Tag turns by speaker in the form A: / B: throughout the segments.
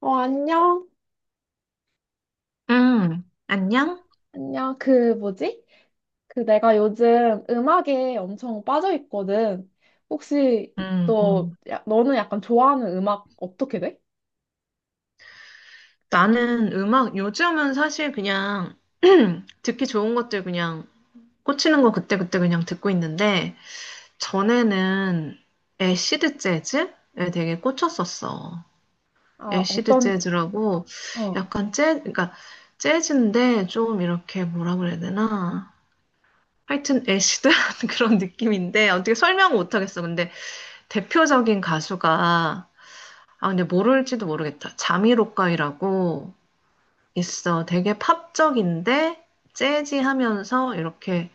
A: 안녕.
B: 응, 안녕?
A: 안녕. 그, 뭐지? 그, 내가 요즘 음악에 엄청 빠져 있거든. 혹시,
B: 음, 음.
A: 너, 야, 너는 약간 좋아하는 음악 어떻게 돼?
B: 나는 음악, 요즘은 사실 그냥 듣기 좋은 것들 그냥 꽂히는 거 그때그때 그냥 듣고 있는데, 전에는 애시드 재즈에 되게 꽂혔었어.
A: 아,
B: 애시드
A: 어떤,
B: 재즈라고
A: 어,
B: 약간 그러니까 재즈인데 좀 이렇게 뭐라 그래야 되나? 하여튼 애시드한 그런 느낌인데, 어떻게 설명을 못하겠어. 근데 대표적인 가수가 아, 근데 모를지도 모르겠다. 자미로카이라고 있어. 되게 팝적인데 재즈하면서 이렇게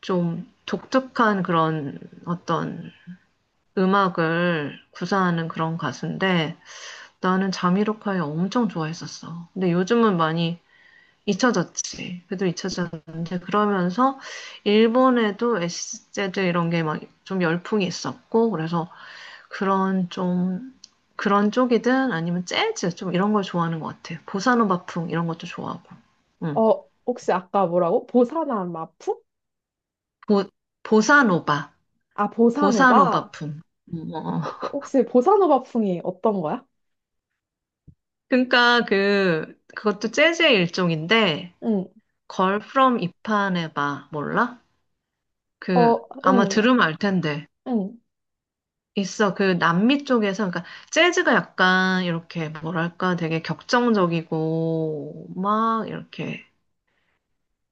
B: 좀 독특한 그런 어떤 음악을 구사하는 그런 가수인데 나는 자미로카이 엄청 좋아했었어. 근데 요즘은 많이 잊혀졌지. 그래도 잊혀졌는데 그러면서 일본에도 SZ 이런 게 막 좀 열풍이 있었고 그래서 그런 좀 그런 쪽이든 아니면 재즈 좀 이런 걸 좋아하는 것 같아요. 보사노바풍 이런 것도 좋아하고. 응.
A: 어, 혹시 아까 뭐라고? 보사나 마풍?
B: 보 보사노바
A: 아, 보사노바?
B: 보사노바풍. 어.
A: 혹시 보사노바 풍이 어떤 거야?
B: 그러니까 그것도 재즈의 일종인데
A: 응,
B: 걸 프롬 이파네바 몰라? 그
A: 어,
B: 아마
A: 응,
B: 들으면 알 텐데.
A: 응,
B: 있어. 그 남미 쪽에서 그러니까 재즈가 약간 이렇게 뭐랄까 되게 격정적이고 막 이렇게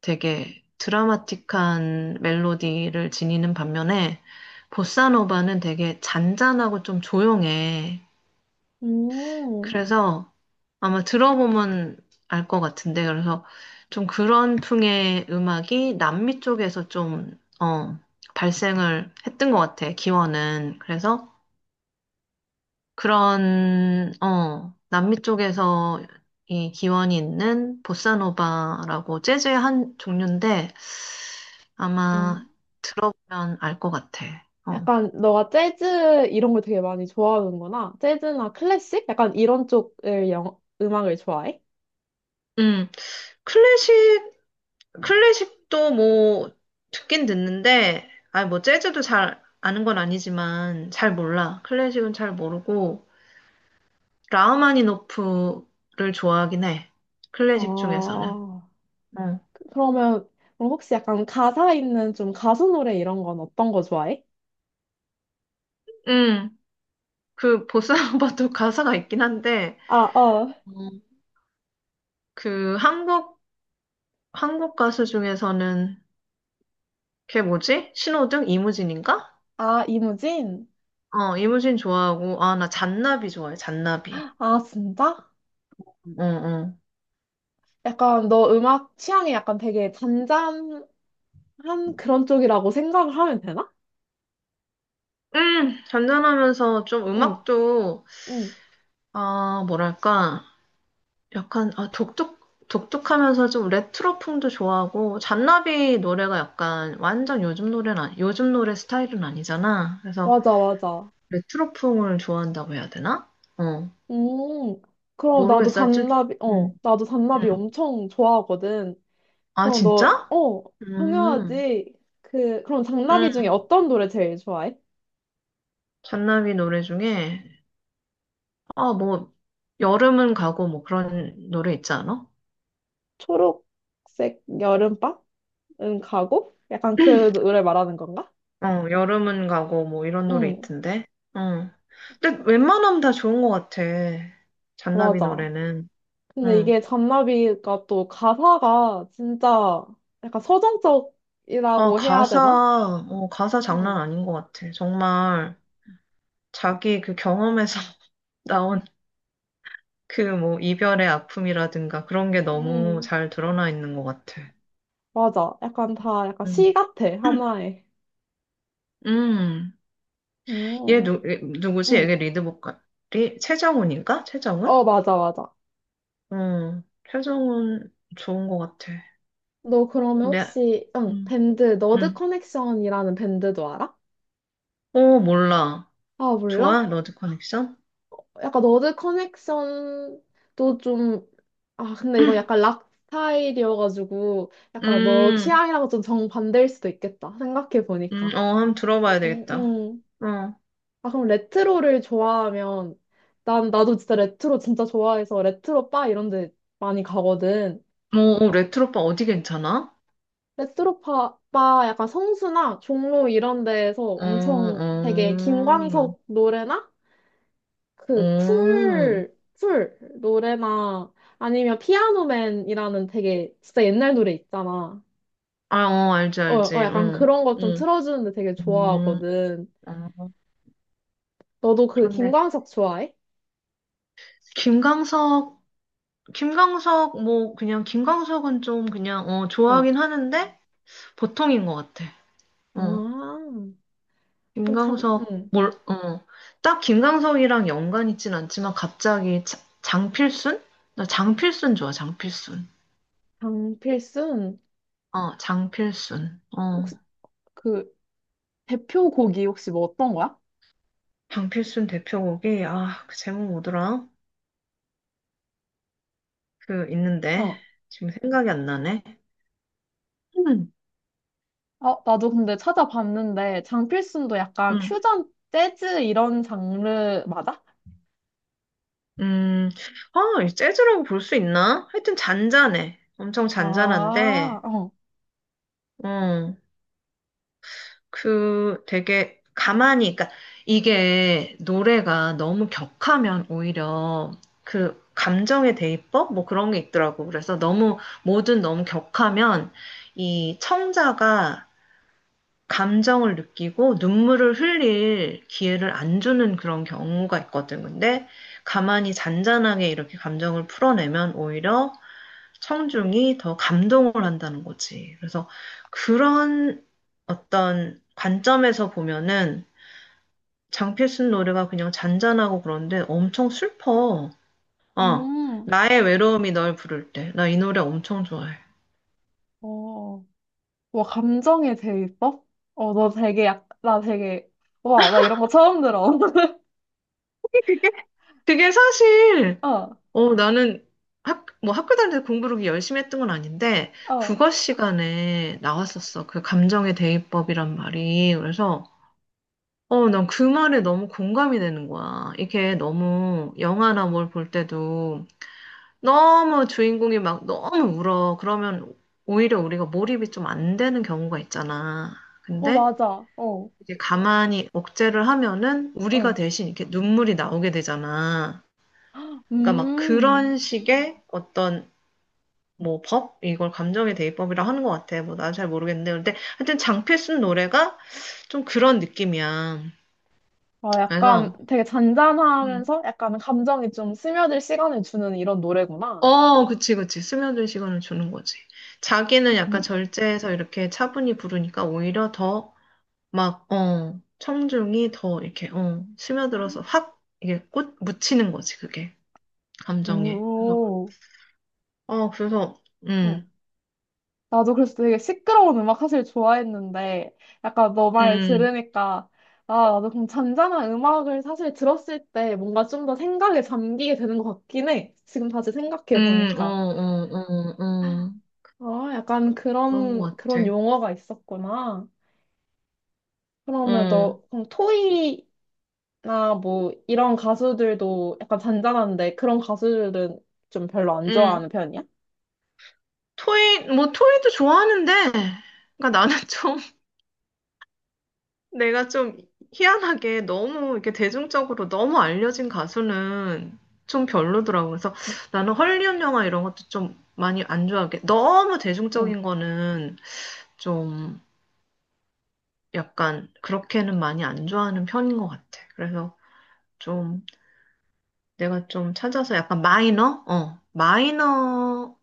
B: 되게 드라마틱한 멜로디를 지니는 반면에 보사노바는 되게 잔잔하고 좀 조용해.
A: 음,
B: 그래서 아마 들어보면 알 것 같은데 그래서 좀 그런 풍의 음악이 남미 쪽에서 좀 어, 발생을 했던 것 같아. 기원은. 그래서 그런, 남미 쪽에서 이 기원이 있는 보사노바라고 재즈의 한 종류인데
A: 응.
B: 아마 들어보면 알 것 같아. 어.
A: 약간 너가 재즈 이런 걸 되게 많이 좋아하는구나. 재즈나 클래식? 약간 이런 쪽을 영, 음악을 좋아해?
B: 음, 클래식, 클래식도 뭐 듣긴 듣는데, 아, 뭐 재즈도 잘 아는 건 아니지만 잘 몰라. 클래식은 잘 모르고, 라흐마니노프를 좋아하긴 해. 클래식 중에서는.
A: 아, 그러면 그럼 혹시 약간 가사 있는 좀 가수 노래 이런 건 어떤 거 좋아해?
B: 응. 그 보사노바도 가사가 있긴 한데
A: 아, 어.
B: 음. 그 한국 한국 가수 중에서는 걔 뭐지? 신호등 이무진인가?
A: 아, 이무진?
B: 어 이무진 좋아하고 아 나 잔나비 좋아해 잔나비.
A: 아, 진짜?
B: 음. 어어.
A: 약간 너 음악 취향이 약간 되게 잔잔한 그런 쪽이라고 생각을 하면 되나?
B: 잔잔하면서 좀
A: 응,
B: 음악도
A: 응.
B: 아 뭐랄까 약간 독특하면서 좀 레트로풍도 좋아하고 잔나비 노래가 약간 완전 요즘 노래는 요즘 노래 스타일은 아니잖아. 그래서
A: 맞아, 맞아.
B: 레트로풍을 좋아한다고 해야 되나? 어.
A: 음, 그럼 나도
B: 모르겠어요. 좀,
A: 잔나비, 어,
B: 음.
A: 나도 잔나비
B: 응,
A: 엄청 좋아하거든.
B: 아,
A: 그럼
B: 진짜?
A: 너, 어,
B: 음.
A: 당연하지. 그럼
B: 응.
A: 장나비 중에 어떤 노래 제일 좋아해?
B: 잔나비 노래 중에, 아, 뭐, 여름은 가고, 뭐, 그런 노래 있지 않아?
A: 초록색 여름밤? 은 가고? 약간 그 노래 말하는 건가?
B: 어, 여름은 가고, 뭐, 이런 노래
A: 응,
B: 있던데. 응 근데 웬만하면 다 좋은 것 같아. 잔나비
A: 맞아.
B: 노래는.
A: 근데
B: 응.
A: 이게 잔나비가 또 가사가 진짜 약간
B: 아,
A: 서정적이라고 해야
B: 가사,
A: 되나?
B: 어, 가사 장난
A: 응,
B: 아닌 것 같아. 정말 자기 그 경험에서 나온 그 뭐, 이별의 아픔이라든가 그런 게 너무
A: 응,
B: 잘 드러나 있는 것 같아.
A: 맞아. 약간 다 약간 시 같아, 하나에.
B: 음, 얘
A: 응,
B: 누, 누구지?
A: 응,
B: 얘 리드 보컬이 최정훈인가? 최정훈?
A: 어, 맞아, 맞아.
B: 음, 최정훈 좋은 것 같아.
A: 너 그러면
B: 네,
A: 혹시, 응,
B: 음,
A: 밴드, 너드
B: 음.
A: 커넥션이라는 밴드도 알아?
B: 어, 몰라.
A: 아,
B: 좋아?
A: 몰라?
B: 러드 커넥션?
A: 약간 너드 커넥션도 좀, 아, 근데 이건 약간 락 스타일이어가지고, 약간 너
B: 음,
A: 취향이랑 좀 정반대일 수도 있겠다. 생각해보니까.
B: 어, 한번 들어봐야
A: 음,
B: 되겠다.
A: 음.
B: 어,
A: 아, 그럼 레트로를 좋아하면, 난, 나도 진짜 레트로 진짜 좋아해서 레트로 바 이런 데 많이 가거든.
B: 어, 어, 레트로빠 어디 괜찮아?
A: 레트로 바, 바 약간 성수나 종로 이런 데에서
B: 어,
A: 엄청 되게
B: 어,
A: 김광석 노래나 그
B: 어,
A: 쿨 노래나 아니면 피아노맨이라는 되게 진짜 옛날 노래 있잖아.
B: 아, 어, 알지,
A: 어, 어
B: 알지,
A: 약간
B: 응,
A: 그런 거 좀
B: 응,
A: 틀어주는데 되게
B: 음,
A: 좋아하거든.
B: 어,
A: 너도 그
B: 그런데
A: 김광석 좋아해?
B: 김광석 김광석, 뭐, 그냥, 김광석은 좀 그냥, 어,
A: 어.
B: 좋아하긴 하는데, 보통인 것 같아.
A: 아,
B: 어,
A: 그럼 참,
B: 김광석,
A: 응.
B: 뭘, 어, 딱 김광석이랑 연관 있진 않지만, 갑자기 장필순? 나 장필순 좋아, 장필순.
A: 장필순
B: 어, 장필순. 어,
A: 혹시 그 대표곡이 혹시 뭐 어떤 거야?
B: 장필순 대표곡이, 아, 그 제목 뭐더라? 그, 있는데,
A: 어.
B: 지금 생각이 안 나네. 음,
A: 아, 나도 근데 찾아봤는데 장필순도 약간
B: 음,
A: 퓨전 재즈 이런 장르 맞아?
B: 음, 아, 이 재즈라고 볼 수 있나? 하여튼 잔잔해. 엄청
A: 아,
B: 잔잔한데,
A: 어.
B: 어. 그 되게 가만히, 그러니까 이게 노래가 너무 격하면 오히려 그 감정의 대입법? 뭐 그런 게 있더라고. 그래서 너무, 뭐든 너무 격하면 이 청자가 감정을 느끼고 눈물을 흘릴 기회를 안 주는 그런 경우가 있거든. 근데 가만히 잔잔하게 이렇게 감정을 풀어내면 오히려 청중이 더 감동을 한다는 거지. 그래서 그런 어떤 관점에서 보면은 장필순 노래가 그냥 잔잔하고 그런데 엄청 슬퍼. 어,
A: 음.
B: 나의 외로움이 널 부를 때. 나 이 노래 엄청 좋아해.
A: 어. 와, 감정에 대입법? 어, 너 되게 약, 나 되게, 와, 나 이런 거 처음 들어.
B: 그게, 그게 사실,
A: 어,
B: 어, 나는 뭐 학교 다닐 때 공부를 그렇게 열심히 했던 건 아닌데,
A: 어,
B: 국어 시간에 나왔었어. 그 감정의 대입법이란 말이. 그래서, 어, 난 그 말에 너무 공감이 되는 거야. 이게 너무 영화나 뭘 볼 때도 너무 주인공이 막 너무 울어. 그러면 오히려 우리가 몰입이 좀 안 되는 경우가 있잖아.
A: 어,
B: 근데
A: 맞아. 어,
B: 이제 가만히 억제를 하면은 우리가
A: 어.
B: 대신 이렇게 눈물이 나오게 되잖아. 그러니까 막
A: 음,
B: 그런 식의 어떤 뭐 법? 이걸 감정의 대입법이라 하는 것 같아. 뭐 난 잘 모르겠는데. 근데 하여튼 장필순 노래가 좀 그런 느낌이야.
A: 아, 약간
B: 그래서
A: 되게
B: 음.
A: 잔잔하면서 약간 감정이 좀 스며들 시간을 주는 이런 노래구나.
B: 어, 그치, 그치. 스며들 시간을 주는 거지. 자기는 약간
A: 음,
B: 절제해서 이렇게 차분히 부르니까 오히려 더 막, 어, 청중이 더 이렇게, 어, 스며들어서 확 이게 꽃 묻히는 거지, 그게. 감정에. 그래서,
A: 오.
B: 어, 그래서,
A: 응.
B: 음,
A: 나도 그래서 되게 시끄러운 음악 사실 좋아했는데, 약간 너 말
B: 음,
A: 들으니까, 아, 나도 그럼 잔잔한 음악을 사실 들었을 때 뭔가 좀 더 생각에 잠기게 되는 것 같긴 해. 지금 다시 생각해
B: 어,
A: 보니까.
B: 어, 어, 어.
A: 아, 약간
B: 그런
A: 그런,
B: 거
A: 그런
B: 같아.
A: 용어가 있었구나. 그러면
B: 어,
A: 너, 그럼 토이나 뭐 이런 가수들도 약간 잔잔한데 그런 가수들은 좀 별로 안
B: 음.
A: 좋아하는 편이야?
B: 토이, 뭐, 토이도 좋아하는데, 그러니까 나는 좀 내가 좀 희한하게 너무 이렇게 대중적으로 너무 알려진 가수는 좀 별로더라고. 그래서 나는 헐리우드 영화 이런 것도 좀 많이 안 좋아하게. 너무
A: 응.
B: 대중적인 거는 좀 약간 그렇게는 많이 안 좋아하는 편인 것 같아. 그래서 좀 내가 좀 찾아서 약간 마이너? 어, 마이너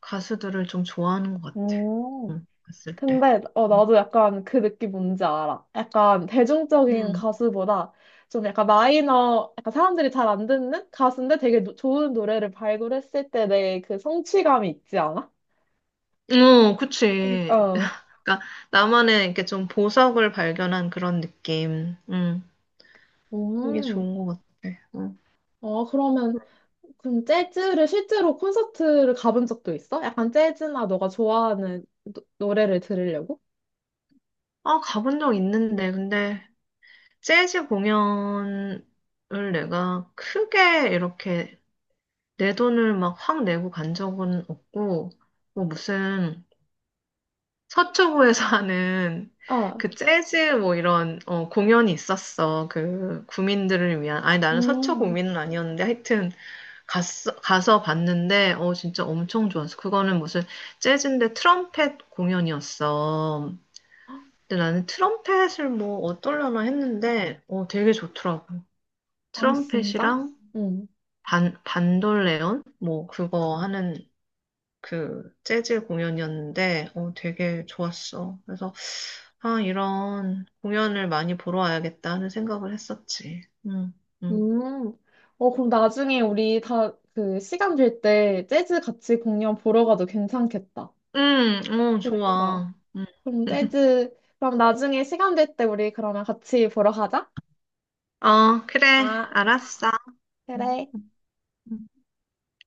B: 가수들을 좀 좋아하는 것 같아.
A: 오.
B: 응, 봤을 때.
A: 근데 어 나도 약간 그 느낌 뭔지 알아. 약간 대중적인
B: 음.
A: 가수보다 좀 약간 마이너, 약간 사람들이 잘 안 듣는 가수인데 되게 좋은 노래를 발굴했을 때 내 그 성취감이 있지 않아?
B: 어,
A: 그-
B: 그치.
A: 어,
B: 그러니까 나만의 이렇게 좀 보석을 발견한 그런 느낌. 이게
A: 음,
B: 좋은 것 같아. 음.
A: 어 그러면 그럼 재즈를 실제로 콘서트를 가본 적도 있어? 약간 재즈나 너가 좋아하는 노래를 들으려고?
B: 아, 가본 적 있는데, 근데 재즈 공연을 내가 크게 이렇게 내 돈을 막 확 내고 간 적은 없고, 뭐 무슨 서초구에서 하는
A: 아,
B: 그 재즈 뭐 이런 어, 공연이 있었어. 그 구민들을 위한. 아니, 나는 서초
A: 음,
B: 구민은 아니었는데 하여튼 갔어, 가서 봤는데, 어, 진짜 엄청 좋았어. 그거는 무슨 재즈인데 트럼펫 공연이었어. 근데 나는 트럼펫을 뭐 어떨려나 했는데, 어, 되게 좋더라고.
A: 아 진짜?
B: 트럼펫이랑
A: 응.
B: 반돌레온? 뭐 그거 하는 그 재즈 공연이었는데, 어, 되게 좋았어. 그래서, 아, 이런 공연을 많이 보러 와야겠다 하는 생각을 했었지. 응, 응.
A: 음. 어, 그럼 나중에 우리 다 그 시간 될 때 재즈 같이 공연 보러 가도 괜찮겠다.
B: 응, 응, 어,
A: 그러니까.
B: 좋아. 응.
A: 그럼 재즈, 그럼 나중에 시간 될 때 우리 그러면 같이 보러 가자.
B: 어, 그래.
A: 아,
B: 알았어. 응.
A: 그래.
B: 음.